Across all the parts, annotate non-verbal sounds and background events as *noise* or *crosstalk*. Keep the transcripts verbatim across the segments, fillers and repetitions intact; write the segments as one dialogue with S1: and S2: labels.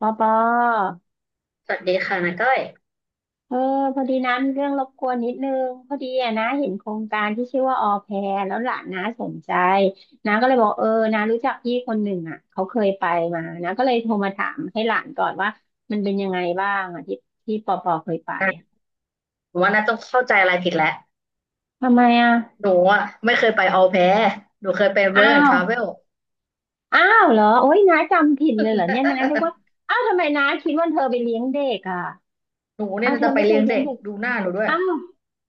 S1: ปอปอ
S2: สวัสดีค่ะนาก้อย
S1: เออพอดีนะมีเรื่องรบกวนนิดนึงพอดีอะนะเห็นโครงการที่ชื่อว่าออแพรแล้วหลานน้าสนใจน้าก็เลยบอกเออน้ารู้จักพี่คนหนึ่งอ่ะเขาเคยไปมานะาก็เลยโทรมาถามให้หลานก่อนว่ามันเป็นยังไงบ้างอ่ะที่ที่ปอปอเคยไปอะ
S2: หนูว่านาต้องเข้าใจอะไรผิดแล้ว
S1: ทำไมอ่ะ
S2: หนูอ่ะไม่เคยไปออลแพร์หนูเคยไป
S1: อ้า
S2: เวิร์กแอนด์ท
S1: ว
S2: ราเวล
S1: อ้าวเหรอโอ๊ยน้าจำผิดเลยเหรอเนี่ยน้านึกว่า
S2: *laughs*
S1: อ้าวทำไมน้าคิดว่าเธอไปเลี้ยงเด็กอ่ะ
S2: หนูเนี่
S1: อ้า
S2: ย
S1: ว
S2: น่า
S1: เธอ
S2: จะไป
S1: ไม่เค
S2: เลี้
S1: ย
S2: ยง
S1: เลี้ย
S2: เด็
S1: ง
S2: ก
S1: เด็ก
S2: ดูหน้าหนูด้วย
S1: อ้าว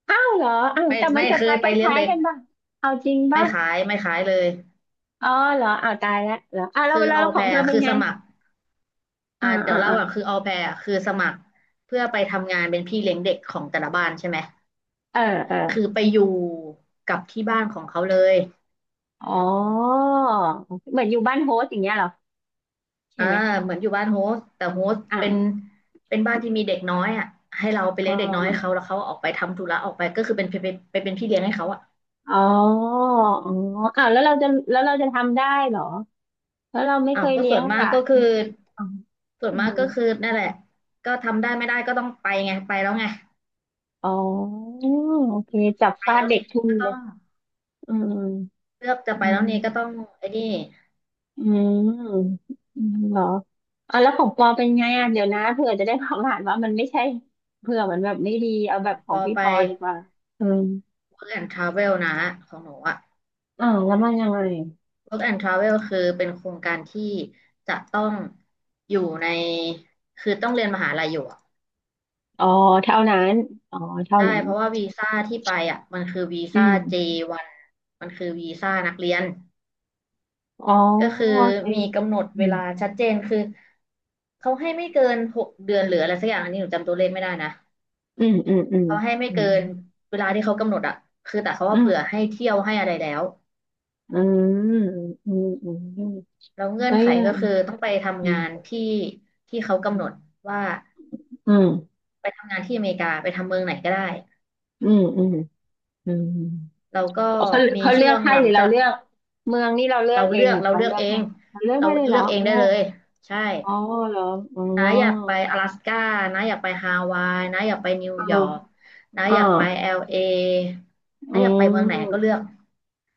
S1: อ้าวเหรออ้าว
S2: ไม่
S1: แต่มัน
S2: ไม่
S1: จะ
S2: เค
S1: ตา
S2: ย
S1: ค
S2: ไปเลี้ยง
S1: ล้าย
S2: เด็
S1: ๆ
S2: ก
S1: กันป่ะเอาจริง
S2: ไม่
S1: ป่ะ
S2: ขายไม่ขายเลย
S1: อ๋อเหรออ้าวตายแล้วเหรออ้าวแล้ว
S2: คือ
S1: แล้ว
S2: ออ
S1: แล้
S2: ล
S1: วข
S2: แพ
S1: องเธอ
S2: ร์
S1: เป็น
S2: คือ
S1: ไง
S2: สมัคร
S1: อ่า
S2: อ่าเดี๋ย
S1: อ่า
S2: วเล่า
S1: อ่า
S2: ก่อนคือออลแพร์คือสมัครเพื่อไปทำงานเป็นพี่เลี้ยงเด็กของแต่ละบ้านใช่ไหม
S1: เออเออ
S2: คือไปอยู่กับที่บ้านของเขาเลย
S1: อ๋อเหมือนอยู่บ้านโฮสต์อย่างเงี้ยเหรอใช่
S2: อ่า
S1: ไหม
S2: เหมือนอยู่บ้านโฮสต์แต่โฮสต์เป็น
S1: อ่า
S2: เป็นบ้านที่มีเด็กน้อยอ่ะให้เราไป
S1: อ๋อ
S2: เลี้ยงเด็กน้อยให้เขาแล้วเขาออกไปทำธุระออกไปก็คือเป็นไปเป็นไปเป็นพี่เลี้ยงให้เขาอ่ะ
S1: อ๋ออ๋ออ้าวแล้วเราจะแล้วเราจะทำได้เหรอแล้วเราไม่
S2: อ้า
S1: เค
S2: ว
S1: ย
S2: ก็
S1: เลี้
S2: ส่
S1: ย
S2: ว
S1: ง
S2: นมา
S1: ห
S2: ก
S1: ลา
S2: ก็
S1: น
S2: คือ
S1: อ๋อ
S2: ส่วน
S1: อื
S2: มาก
S1: ม
S2: ก็คือนั่นแหละก็ทำได้ไม่ได้ก็ต้องไปไงไปแล้วไง
S1: อ๋อโอเคจับ
S2: ไป
S1: ฟาด
S2: แล้ว
S1: เด็ก
S2: นี่
S1: ทุ่
S2: ก็
S1: เล
S2: ต้อ
S1: ย
S2: ง
S1: อืม
S2: เลือกจะไป
S1: อื
S2: แล้วนี่ก็
S1: ม
S2: ต้องไอ้นี่
S1: อืมอืมเหรออ่ะแล้วของปอเป็นไงอ่ะเดี๋ยวนะเผื่อจะได้ความอ่านว่ามันไม่ใช่เผื่อมันแบบไม่ดีเอา
S2: ข
S1: แบ
S2: อ
S1: บ
S2: ง
S1: ข
S2: ป
S1: อง
S2: อ
S1: พี่
S2: ไป
S1: ปอดีกว่าอืม
S2: Work and Travel นะของหนูอ่ะ
S1: อ่าวแล้วมันยังไง
S2: Work and Travel คือเป็นโครงการที่จะต้องอยู่ในคือต้องเรียนมหาลัยอยู่อะ
S1: อ๋อเท่านั้นอ๋อเท่า
S2: ใช่
S1: นั้น
S2: เพราะว่าวีซ่าที่ไปอ่ะมันคือวี
S1: อื
S2: ซ่า
S1: ม
S2: เจ วัน มันคือวีซ่านักเรียน
S1: อ๋อ
S2: ก็คือ
S1: ใช่
S2: มีกำหนด
S1: อื
S2: เว
S1: ม
S2: ลาชัดเจนคือเขาให้ไม่เกินหกเดือนหรืออะไรสักอย่างอันนี้หนูจำตัวเลขไม่ได้นะ
S1: อืมอืมอืม
S2: เขาให้ไม่
S1: อื
S2: เกิ
S1: ม
S2: นเวลาที่เขากำหนดอ่ะคือแต่เขา
S1: อื
S2: ว่าเผื่อ
S1: ม
S2: ให้เที่ยวให้อะไรแล้ว
S1: อืมอืมอืมอืม
S2: แล้วเงื่อ
S1: แล้
S2: น
S1: ว
S2: ไข
S1: ยั
S2: ก็
S1: ง
S2: คือต้องไป
S1: อื
S2: ทำงา
S1: ม
S2: นที่ที่เขากำหนดว่า
S1: อืม
S2: ไปทำงานที่อเมริกาไปทำเมืองไหนก็ได้
S1: อืมอืมอืม
S2: เราก็
S1: เขา
S2: มี
S1: เขาเลื
S2: ช่
S1: อ
S2: ว
S1: ก
S2: ง
S1: ให้
S2: หลั
S1: ห
S2: ง
S1: รือเรา
S2: จาก
S1: เลือกเมืองนี่เราเลือ
S2: เรา
S1: กเอ
S2: เลื
S1: ง
S2: อก
S1: หรือ
S2: เรา
S1: เขา
S2: เลือ
S1: เลื
S2: ก
S1: อก
S2: เอ
S1: ให้
S2: ง
S1: เราเลือก
S2: เรา
S1: ได้เลยเหร
S2: เลื
S1: อ
S2: อกเอง
S1: โอ้
S2: ได้เลยใช่
S1: อ๋อเหรออ๋อ
S2: น้าอยากไป阿拉斯ก้าน้าอยากไปฮาวายน้าอยากไปนิว
S1: เ
S2: ยอร์ก
S1: ออ
S2: น้า
S1: เอ่า
S2: อยากไปเอลเอ
S1: อื
S2: น้าอยากไปเมืองไหนก็เลื
S1: ม
S2: อก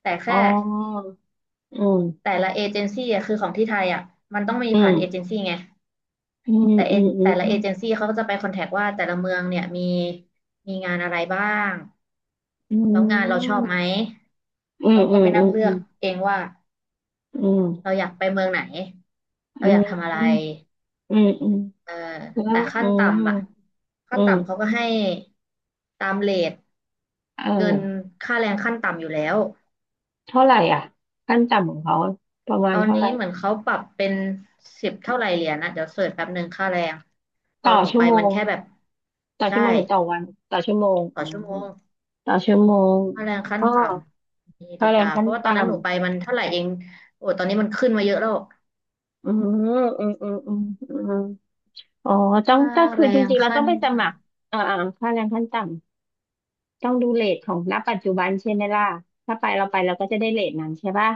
S2: แต่
S1: อ๋อ
S2: แค่
S1: อืม
S2: แต่ละเอเจนซี่อะคือของที่ไทยอ่ะมันต้องมี
S1: อื
S2: ผ่านเอเจน
S1: ม
S2: ซี่ไง
S1: อืม
S2: แต่
S1: อื
S2: เอแต่ละ
S1: ม
S2: เอเจนซี่เขาก็จะไปคอนแทคว่าแต่ละเมืองเนี่ยมีมีงานอะไรบ้าง
S1: อื
S2: แล้วงานเราชอ
S1: ม
S2: บไหม
S1: อืม
S2: เรา
S1: อื
S2: ก็
S1: ม
S2: ไป
S1: อื
S2: นั่ง
S1: ม
S2: เลื
S1: อื
S2: อกเองว่า
S1: ม
S2: เราอยากไปเมืองไหน
S1: อื
S2: เราอยาก
S1: ม
S2: ทำอะไร
S1: อืมอืม
S2: เออ
S1: อืมอืมแล้
S2: แต่
S1: ว
S2: ขั้
S1: อื
S2: น
S1: ม
S2: ต่ำอะขั้
S1: อื
S2: นต่ำเขา
S1: ม
S2: ก็ให้ตามเรท
S1: เออ
S2: เงินค่าแรงขั้นต่ำอยู่แล้ว
S1: เท่าไหร่อ่ะขั้นต่ำของเขาประมา
S2: ต
S1: ณ
S2: อน
S1: เท่าไห
S2: นี้
S1: ร่
S2: เหมือนเขาปรับเป็นสิบเท่าไหร่เหรียญนะเดี๋ยวเสิร์ชแป๊บหนึ่งค่าแรงตอ
S1: ต่อ
S2: นหนู
S1: ชั่
S2: ไป
S1: วโม
S2: มัน
S1: ง
S2: แค่แบบ
S1: ต่อ
S2: ใช่
S1: ชั่วโมงหรือต่อวันต่อชั่วโมง
S2: ต่
S1: อ๋
S2: อ
S1: อ
S2: ชั่วโมง
S1: ต่อชั่วโมง
S2: ค่าแรงขั้น
S1: อ๋อ
S2: ต่ำมีดี
S1: ค่าแรง
S2: กาเพ
S1: ขั้น
S2: ราะว่าตอ
S1: ต่
S2: นนั้นหนูไปมันเท่าไหร่เองโอ้ตอนนี้มันขึ้นมาเยอะแล้ว
S1: ำอืมอืมอืมอืมอืมอ๋อต้อง
S2: ค่า
S1: ก็คือ
S2: แร
S1: จ
S2: ง
S1: ริงๆ เรา
S2: ขั้
S1: ต้อง
S2: น
S1: ไปส
S2: ต่
S1: มัครอ่าอ่าค่าแรงขั้นต่ำต้องดูเรทของณปัจจุบันใช่ไหมล่ะถ้าไปเราไปเราก็จะได้เรทนั้นใช่ป่ะ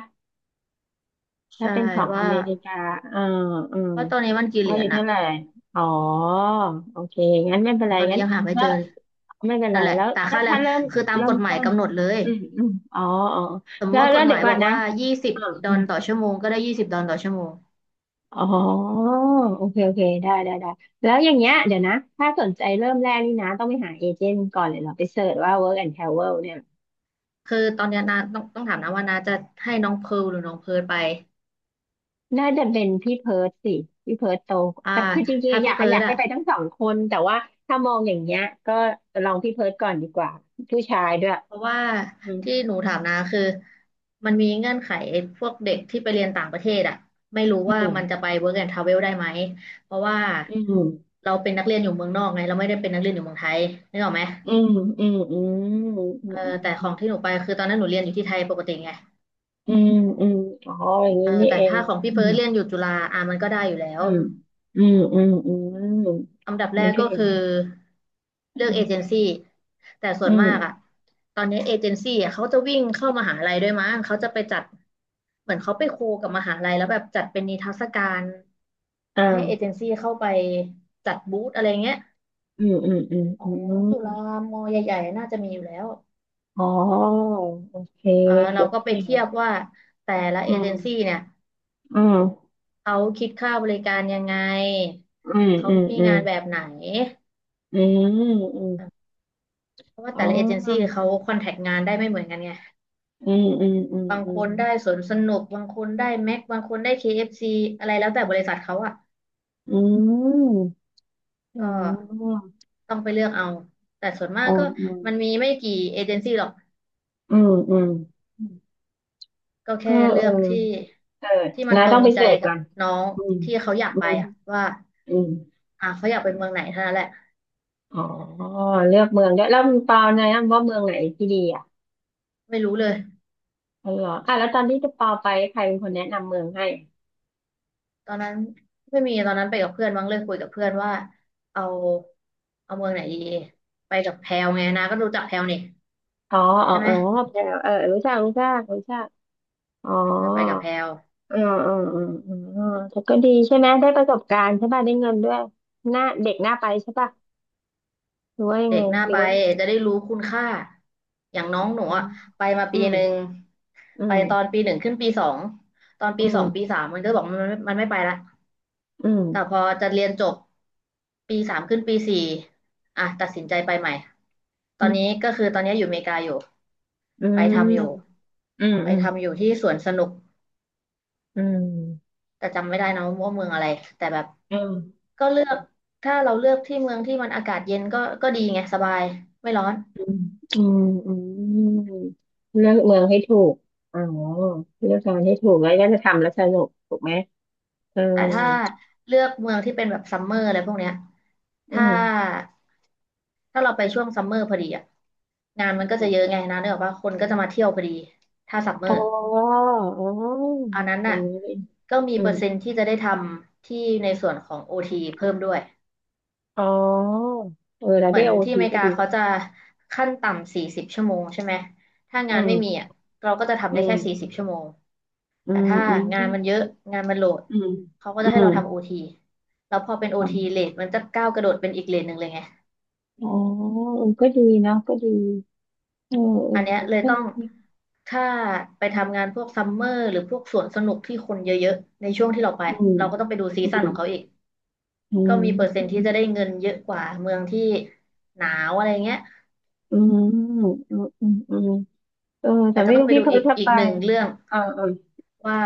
S2: ำ
S1: ถ้า
S2: ใช่
S1: เป็นของอ
S2: ว่า
S1: เมริกาอ่าอืม
S2: ว่าตอนนี้มันกี่เห
S1: ว่า
S2: รี
S1: อ
S2: ยญ
S1: ยู่
S2: อะ
S1: เท่าไหร่อ๋อโอเคงั้นไม่เป็นไร
S2: ตอนนี้
S1: งั้น
S2: ยังหาไม่
S1: แล้
S2: เจ
S1: ว
S2: อเลย
S1: ไม่เป็นไร
S2: นั่นแหละ
S1: แล้ว
S2: แต่
S1: แล้ว
S2: ค่าแร
S1: ถ้า
S2: ง
S1: เริ่ม
S2: คือตาม
S1: เริ่
S2: ก
S1: ม
S2: ฎหมาย
S1: ต้น
S2: กำหนดเลย
S1: อืมอืมอ๋ออ๋อ
S2: สมม
S1: แล้
S2: ติ
S1: ว
S2: ว่าก
S1: แล้ว
S2: ฎห
S1: เดี๋
S2: มา
S1: ย
S2: ย
S1: วก่
S2: บ
S1: อน
S2: อก
S1: นะ
S2: ว่ายี่สิบด
S1: อื
S2: อ
S1: ม
S2: ลต่อชั่วโมงก็ได้ยี่สิบดอลต่อชั่วโมง
S1: อ๋อโอเคโอเคได้ได้ได้แล้วอย่างเงี้ยเดี๋ยวนะถ้าสนใจเริ่มแรกนี่นะต้องไปหาเอเจนต์ก่อนเลยเหรอไปเสิร์ชว่า Work and Travel เนี่ย
S2: คือตอนเนี้ยนาต้องต้องถามนะว่านาจะให้น้องเพิร์ลหรือน้องเพิร์ลไป
S1: น่าจะเป็นพี่เพิร์ทสิพี่เพิร์ทโต
S2: อ่า
S1: แต่คือจริง
S2: ถ้า
S1: ๆอยา
S2: พี่
S1: ก
S2: เพิ
S1: อ
S2: ร์
S1: ยา
S2: ล
S1: กให้
S2: อะ
S1: ไปทั้งสองคนแต่ว่าถ้ามองอย่างเงี้ยก็ลองพี่เพิร์ทก่อนดีกว่าผู้ชายด้วย
S2: เพราะว่า
S1: อืม
S2: ที่หนูถามนาคือมันมีเงื่อนไขไอ้พวกเด็กที่ไปเรียนต่างประเทศอะไม่รู้
S1: อื
S2: ว่ามันจะ
S1: ม
S2: ไป work and travel ได้ไหม เพราะว่า
S1: อืม
S2: เราเป็นนักเรียนอยู่เมืองนอกไงเราไม่ได้เป็นนักเรียนอยู่เมืองไทยนึกออกไหม
S1: อืมอืมอืมอื
S2: เออ
S1: ม
S2: แต่ข
S1: อื
S2: อ
S1: ม
S2: งที่หนูไปคือตอนนั้นหนูเรียนอยู่ที่ไทยปกติไง
S1: อืมอืมอ๋ออย่าง
S2: เอ
S1: นี้
S2: อ
S1: นี่
S2: แต่
S1: เอง
S2: ถ้าของพี่
S1: อื
S2: เพิ
S1: ม
S2: ร์ทเรียนอยู่จุฬาอ่ะมันก็ได้อยู่แล้ว
S1: อืมอืมอืมอืม
S2: อันดับ
S1: โอ
S2: แรก
S1: เค
S2: ก็คือเลือกเอเจนซี่แต่ส่
S1: อื
S2: วน
S1: ม
S2: มากอ่ะตอนนี้เอเจนซี่อะเขาจะวิ่งเข้ามหาลัยด้วยมั้งเขาจะไปจัดเหมือนเขาไปโคกับมหาลัยแล้วแบบจัดเป็นนิทรรศการ
S1: อ่
S2: เขาให้เอเจ
S1: า
S2: นซี่เข้าไปจัดบูธอะไรเงี้ย
S1: อืมอืมอืม
S2: ขอ
S1: อื
S2: ง
S1: ม
S2: จุฬามอใหญ่ๆน่าจะมีอยู่แล้ว
S1: อ๋อโอเค
S2: อ่าเราก็ไป
S1: เนี่
S2: เทีย
S1: ย
S2: บว่าแต่ละ
S1: อื
S2: เอเจ
S1: ม
S2: นซี่เนี่ย
S1: อืม
S2: เขาคิดค่าบริการยังไง
S1: อืม
S2: เขา
S1: อืม
S2: มี
S1: อืม
S2: งานแบบไหน
S1: อืมอืม
S2: เพราะว่า
S1: อ๋
S2: แต่ละเอเจนซี่
S1: อ
S2: เขาคอนแทคงานได้ไม่เหมือนกันไง
S1: อืมอืมอืม
S2: บาง
S1: อื
S2: ค
S1: ม
S2: นได้สวนสนุกบางคนได้แม็กบางคนได้ เค เอฟ ซี อฟซีอะไรแล้วแต่บริษัทเขาอ่ะ
S1: อืมอ๋
S2: ก็
S1: อ
S2: ต้องไปเลือกเอาแต่ส่วนมา
S1: อ๋
S2: ก
S1: อ
S2: ก็
S1: อืม
S2: มันมีไม่กี่เอเจนซี่หรอก
S1: อืมอืม
S2: ก็
S1: ก็
S2: แค่
S1: เอ
S2: เลื
S1: อ
S2: อกที่
S1: เออ
S2: ที่มัน
S1: นะ
S2: ตร
S1: ต้อง
S2: ง
S1: ไป
S2: ใจ
S1: เสิร์ช
S2: กั
S1: ก่
S2: บ
S1: อน
S2: น้อง
S1: อืม
S2: ที่เขาอยาก
S1: อื
S2: ไป
S1: ม
S2: อ่ะว่า
S1: อืม
S2: อ่าเขาอยากไปเมืองไหนเท่านั้นแหละ
S1: อ๋อเลือกเมืองด้วยแล้วเปาแนะนำว่าเมืองไหนที่ดีอ่ะ
S2: ไม่รู้เลย
S1: อ๋อเหรออ่ะแล้วตอนที่จะเปาไปใครเป็นคนแนะนำเมืองให้
S2: ตอนนั้นไม่มีตอนนั้นไปกับเพื่อนมั้งเลยคุยกับเพื่อนว่าเอาเอาเมืองไหนดีไปกับแพลวไงนะก็รู้จักแพลวนี่
S1: อ๋ออ๋อ
S2: ใช่ไห
S1: เอ
S2: ม
S1: อแพรวเออรู้จักรู้จักรู้จักอ๋อ
S2: เออไปกับแพลว
S1: อืมอืมอืมอืมแต่ก็ดีใช่ไหม ได้ประสบการณ์ใช่ป่ะได้เงินด้วยหน้าเด็กหน้าไปใช่ป่ะหรือว่ายัง
S2: เด็
S1: ไง
S2: กหน้า
S1: หรือ
S2: ไป
S1: ว่า
S2: จะได้รู้คุณค่าอย่างน้องหนู
S1: อื
S2: อะ
S1: ม
S2: ไปมา
S1: อื
S2: ปี
S1: ม
S2: หนึ่ง
S1: อื
S2: ไปตอน
S1: ม
S2: ปีหนึ่งขึ้นปีสองตอน
S1: อื
S2: ปีส
S1: ม
S2: องปีสามมันก็บอกมันไม่มันไม่ไปละ
S1: อืม
S2: แต่พอจะเรียนจบปีสามขึ้นปีสี่อ่ะตัดสินใจไปใหม่ตอ
S1: อื
S2: นนี้ก็คือตอนนี้อยู่อเมริกาอยู่ไปทำอยู่
S1: มอืม
S2: ไป
S1: อืม
S2: ทำอยู่ที่สวนสนุก
S1: อืม
S2: แต่จำไม่ได้นะว่าเมืองอะไรแต่แบบ
S1: อืมอืม
S2: ก็เลือกถ้าเราเลือกที่เมืองที่มันอากาศเย็นก็ก็ดีไงสบายไม่ร้อน
S1: อืมอืมอืมเลือกเมืองให้ถูก อ๋อเลือกงานให้ถูกแล้วก็จะทำแล้วสนุกถูกไหม เออ
S2: แต่ถ้าเลือกเมืองที่เป็นแบบซัมเมอร์อะไรพวกเนี้ย
S1: อื
S2: ถ้า
S1: ม
S2: ถ้าเราไปช่วงซัมเมอร์พอดีอ่ะงานมันก็จะเยอะไงนะเนกออกว่าคนก็จะมาเที่ยวพอดีถ้าซัมเมอ
S1: อ๋
S2: ร์
S1: ออ๋อ
S2: อันนั้น
S1: อย่า
S2: น่ะ
S1: งนี้นี่
S2: ก็มี
S1: อื
S2: เปอ
S1: ม
S2: ร์เซ็นต์ที่จะได้ทำที่ในส่วนของ โอ ที เพิ่มด้วย
S1: อ๋อเออแล้ว
S2: เหมื
S1: ได้
S2: อน
S1: โอ
S2: ที่อ
S1: ที
S2: เมริ
S1: ก็
S2: กา
S1: ดี
S2: เขา
S1: นะ
S2: จะขั้นต่ำสี่สิบชั่วโมงใช่ไหมถ้างา
S1: อื
S2: น
S1: ม
S2: ไม่มีอ่ะเราก็จะทำ
S1: อื
S2: ได้แค่สี่
S1: ม
S2: สิบชั่วโมง
S1: อื
S2: แต่
S1: ม
S2: ถ้า
S1: อืม
S2: งา
S1: อื
S2: นมันเยอะงานมันโหลด
S1: ม
S2: เขาก็
S1: อื
S2: จะให้
S1: ม
S2: เราทำ โอ ที แล้วพอเป็น
S1: อ๋อ
S2: โอ ที เลทมันจะก้าวกระโดดเป็นอีกเลทหนึ่งเลยไง
S1: อ๋อเออก็ดีนะก็ดีเออเออ
S2: อันเนี้ยเลย
S1: ใช่
S2: ต้อง
S1: ใช่
S2: ถ้าไปทำงานพวกซัมเมอร์หรือพวกสวนสนุกที่คนเยอะๆในช่วงที่เราไป
S1: อืม
S2: เราก็ต้องไปดูซี
S1: อื
S2: ซั่น
S1: ม
S2: ของเขาอีก
S1: อื
S2: ก็
S1: ม
S2: มีเปอร์เซ็น
S1: อื
S2: ต์
S1: ม
S2: ที่จะได้เงินเยอะกว่าเมืองที่หนาวอะไรเงี้ย
S1: อืมอืมอืมเออแต่
S2: แต่ก็
S1: ไม่
S2: ต้อ
S1: รู้
S2: งไป
S1: พี่
S2: ดู
S1: เพิร์
S2: อี
S1: ท
S2: ก
S1: ถ้า
S2: อี
S1: ไป
S2: กหนึ่งเรื่อง
S1: อ่าอ่า
S2: ว่า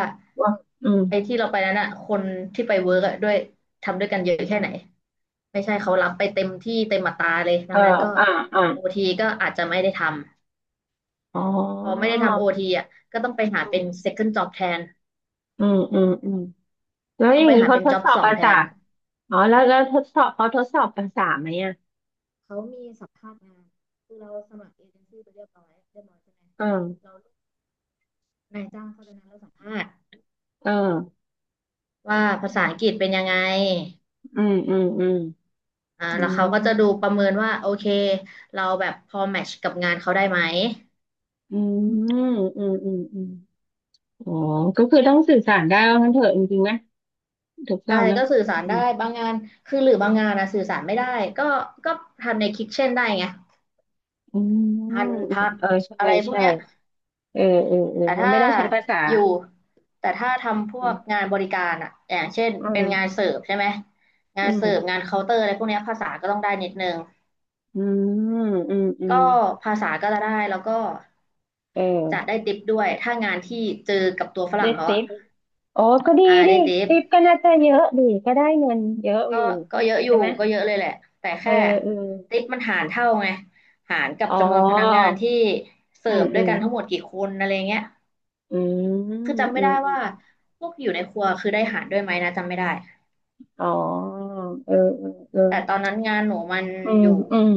S1: ว่าอืม
S2: ไอ้ที่เราไปนั้นอะคนที่ไปเวิร์กอะด้วยทำด้วยกันเยอะแค่ไหน ไม่ใช่เขารับไปเต็มที่เต็มอัตราเลยดั
S1: เออ
S2: งนั้นก็
S1: อ่าอ่า
S2: โอทีก็อาจจะไม่ได้ทำ
S1: อ๋อ
S2: พอไม่ได้ทำโอทีอะก็ต้องไปหา
S1: อื
S2: เป็น
S1: ม
S2: เซคคั่น จ็อบ แทน
S1: อืมอืม แล้ว
S2: ต้
S1: อ
S2: อง
S1: ย่า
S2: ไป
S1: งนี้
S2: หา
S1: เขา
S2: เป็น
S1: ทด
S2: job
S1: สอบ
S2: สอง
S1: ภา
S2: แท
S1: ษา
S2: น
S1: อ๋อแล้วแล้วทดสอบเขาทดสอบภาษาไหมอ่ะ
S2: เขามีสัมภาษณ์งานคือเราสมัครเอเจนซี่ไปเรียบร้อยเรียบร้อยใช่ไหม
S1: เออ
S2: เรานายจ้างเขาจะนัดเราสัมภาษณ์
S1: เออ
S2: ว่าภาษาอังกฤษเป็นยังไง
S1: อืมอืมอืม
S2: อ่า
S1: อื
S2: แล้ว
S1: ม
S2: เขาก็จะดูประเมินว่าโอเคเราแบบพอแมทช์กับงานเขาได้ไหม
S1: อืมอืมอืมอืมอ๋อก็คือต้องสื่อสารได้ว่างั้นเถอะจริงๆนะถูกต้อ
S2: ใช่
S1: งไหม
S2: ก็สื่อสา
S1: อื
S2: รได้
S1: ม
S2: บางงานคือหรือบางงานนะสื่อสารไม่ได้ก็ก็ทำในคิทเช่นได้ไง
S1: อืมอื
S2: พัน
S1: ม
S2: พัก
S1: เออ
S2: อะ
S1: ใช่
S2: ไรพวก
S1: ใช่
S2: เนี้ย
S1: เออเออเออ
S2: แต่
S1: มัน
S2: ถ้า
S1: ไม่ต้องใช้ภาษา
S2: อยู่แต่ถ้าทำพ
S1: อื
S2: วก
S1: ม
S2: งานบริการอะอย่างเช่น
S1: อ
S2: เป็นงานเสิร์ฟใช่ไหมงา
S1: ื
S2: น
S1: ม
S2: เสิร์ฟงานเคาน์เตอร์อะไรพวกเนี้ยภาษาก็ต้องได้นิดนึง
S1: อืมอืมอืมอื
S2: ก็
S1: ม
S2: ภาษาก็จะได้แล้วก็
S1: เ
S2: จะ
S1: ออ
S2: ได้ติปด้วยถ้างานที่เจอกับตัวฝ
S1: ได้
S2: รั่งเขา
S1: ติ
S2: อะ
S1: ปโอ้ก็ดี
S2: อ่า
S1: ดิ
S2: ได้ติป
S1: ติปก็น่าจะเยอะดีก็ได้เงินเยอะ
S2: ก็
S1: อยู่
S2: ก็เยอะอ
S1: ใช่
S2: ยู่
S1: ไหม
S2: ก็เยอะเลยแหละแต่
S1: เออ
S2: แค่
S1: เออ
S2: ติปมันหารเท่าไงหารกับ
S1: อ๋อ
S2: จำนวนพนักงานที่เสิ
S1: อื
S2: ร์
S1: ม
S2: ฟด้
S1: อื
S2: วย
S1: ม
S2: กันทั้งหมดกี่คนอะไรเงี้ย
S1: อืมอืม
S2: คือจำ
S1: อื
S2: ไม่
S1: ม
S2: ได้ว่าพวกอยู่ในครัวคือได้หารด้วยไหมนะจำไม่ได้
S1: อ๋อเออเออเออ
S2: แต่ตอนนั้นงานหนูมัน
S1: อืม
S2: อยู่
S1: อืม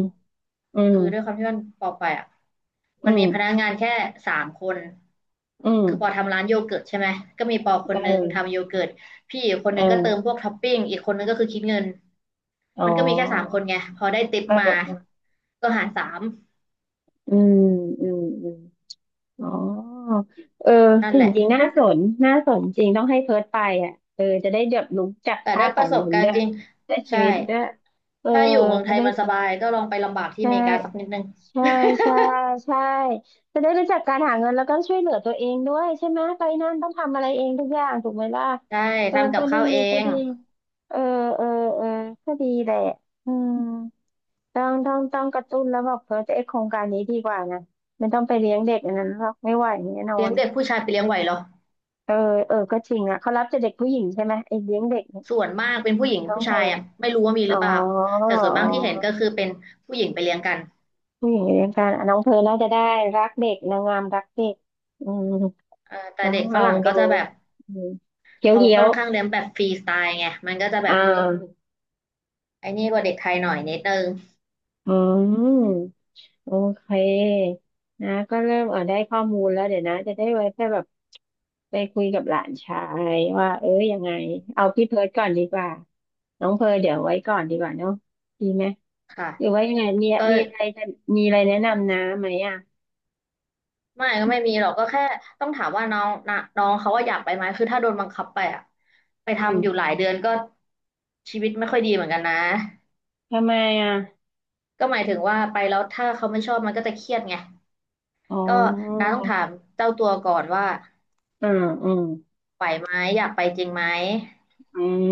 S1: อืม
S2: คือด้วยความที่มันปอไปอ่ะมัน
S1: อื
S2: มี
S1: ม
S2: พนักงานแค่สามคน
S1: อืม
S2: คือปอทำร้านโยเกิร์ตใช่ไหมก็มีปอค
S1: เ
S2: นหนึ่ง
S1: ออ
S2: ทำโยเกิร์ตพี่อีกคน
S1: เ
S2: หนึ่งก็เติมพ
S1: ออ
S2: วกท็อปปิ้งอีกคนหนึงก็คือคิดเงิน
S1: อ๋อ
S2: มันก็มีแค่สามคนไงพอได้ติป
S1: เออ
S2: มา
S1: เออ
S2: ก็หารสาม
S1: อืมอืมอืมอ๋อเออ
S2: นั่น
S1: จริ
S2: แห
S1: ง
S2: ละ
S1: จริงน่าสนน่าสนจริงต้องให้เพิร์ทไปอ่ะเออจะได้แบบรู้จัก
S2: แต่
S1: ค่า
S2: ได้
S1: ข
S2: ป
S1: อ
S2: ระ
S1: ง
S2: สบ
S1: เงิน
S2: กา
S1: ด้
S2: ร
S1: ว
S2: ณ์
S1: ย
S2: จริง
S1: ได้ชี
S2: ใช่
S1: วิตด้วยเออ
S2: ถ้าอยู่เมืองไท
S1: จะ
S2: ย
S1: ได้
S2: มันสบายก็ลองไปลำบาก
S1: ใช
S2: ที่อเมริกาสัก
S1: ่
S2: นิดนึง
S1: ใช่ ใช่ใช่จะได้รู้จักการหาเงินแล้วก็ช่วยเหลือตัวเองด้วยใช่ไหมไปนั่นต้องทำอะไรเองทุกอย่างถูกไหมล่ะ
S2: ได้
S1: เออ
S2: ทำกั
S1: ก็
S2: บ
S1: ดี
S2: ข้าวเอ
S1: ก็
S2: ง
S1: ดีเออเออเออก็ดีแหละอืมต้องต้องต้องกระตุ้นแล้วบอกเพอจะไอโครงการนี้ดีกว่านะไม่ต้องไปเลี้ยงเด็กอันนั้นหรอกไม่ไหวแน่นอ
S2: เลี้ยง
S1: น
S2: เด็กผู้ชายไปเลี้ยงไหวเหรอ
S1: เออเออก็จริงอ่ะเขารับแต่เด็กผู้หญิงใช่ไหมไอเลี้ยงเด็กเนี่ย
S2: ส่วนมากเป็นผู้หญิง
S1: น้อง
S2: ผู้
S1: เธ
S2: ชา
S1: อ
S2: ยอ่ะไม่รู้ว่ามีห
S1: อ๋
S2: รื
S1: อ
S2: อเปล่าแต่ส่วน
S1: อ๋
S2: มากที่เห็นก็
S1: อ
S2: คือเป็นผู้หญิงไปเลี้ยงกัน
S1: ผู้หญิงในวงการอ่ะน้องเพร์ลน่าจะได้รักเด็กนางงามรักเด็กอืม
S2: เอ่อแต่
S1: ลอ
S2: เด็
S1: ง
S2: กฝ
S1: ลอง
S2: รั่งก็
S1: ดู
S2: จะแบบ
S1: อืมเขียว
S2: เขา
S1: เขีย
S2: ค่
S1: ว
S2: อนข้างเลี้ยงแบบฟรีสไตล์ไงมันก็จะแบ
S1: อ่
S2: บ
S1: า
S2: ไอ้นี่กว่าเด็กไทยหน่อยนิดนึง
S1: อืมโอเคนะก็เริ่มเออได้ข้อมูลแล้วเดี๋ยวนะจะได้ไว้แค่แบบไปคุยกับหลานชายว่าเอ้ยยังไงเอาพี่เพิร์ดก่อนดีกว่าน้องเพร์ลเดี๋ยวไว้ก่อนดีกว่าเนาะดีไหม
S2: ค่ะ
S1: หรือว่ายังไงมี
S2: ก็
S1: มีอะไรจะมีอะไรแนะนำนะไหมอ่ะ
S2: ไม่ก็ไม่มีหรอกก็แค่ต้องถามว่าน้องนะน้องเขาว่าอยากไปไหมคือถ้าโดนบังคับไปอะไป
S1: อื
S2: ทำอยู่หลา
S1: ม
S2: ยเดือนก็ชีวิตไม่ค่อยดีเหมือนกันนะ
S1: ทำไมอ่ะ
S2: ก็หมายถึงว่าไปแล้วถ้าเขาไม่ชอบมันก็จะเครียดไง
S1: อ๋
S2: ก็
S1: อ
S2: น้าต้องถามเจ้าตัวก่อนว่า
S1: อืมอืม
S2: ไหวไหมอยากไปจริงไหม
S1: อืม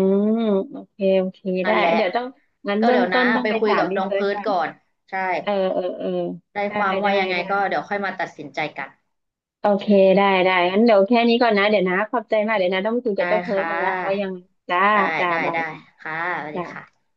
S1: โอเคโอเค
S2: นั่
S1: ได้
S2: นแหละ
S1: เดี๋ยวต้องงั้น
S2: ก็
S1: เบื้อ
S2: เดี๋
S1: ง
S2: ยว
S1: ต้
S2: นะ
S1: นต้อง
S2: ไป
S1: ไป
S2: คุย
S1: ถาม
S2: กับ
S1: พี่
S2: น้อง
S1: เฟิร์ส
S2: เพิร์ด
S1: ก่อน
S2: ก่อนใช่
S1: เออเออเออ
S2: ได้
S1: ได้
S2: ความ
S1: ได้
S2: ว่ายังไง
S1: ได้
S2: ก็เดี๋ยวค่อยมาตัดสินใจกัน
S1: โอเคได้ได้งั้นเดี๋ยวแค่นี้ก่อนนะเดี๋ยวนะขอบใจมากเดี๋ยวนะต้องคุยกั
S2: ได้
S1: บเจ้าเพิร์ด
S2: ค่
S1: มันละว่ายัง
S2: ะ
S1: จ้า
S2: ได้
S1: จ้า
S2: ได้
S1: บาย
S2: ได้ค่ะสวัสดี
S1: จ้า
S2: ค่ะ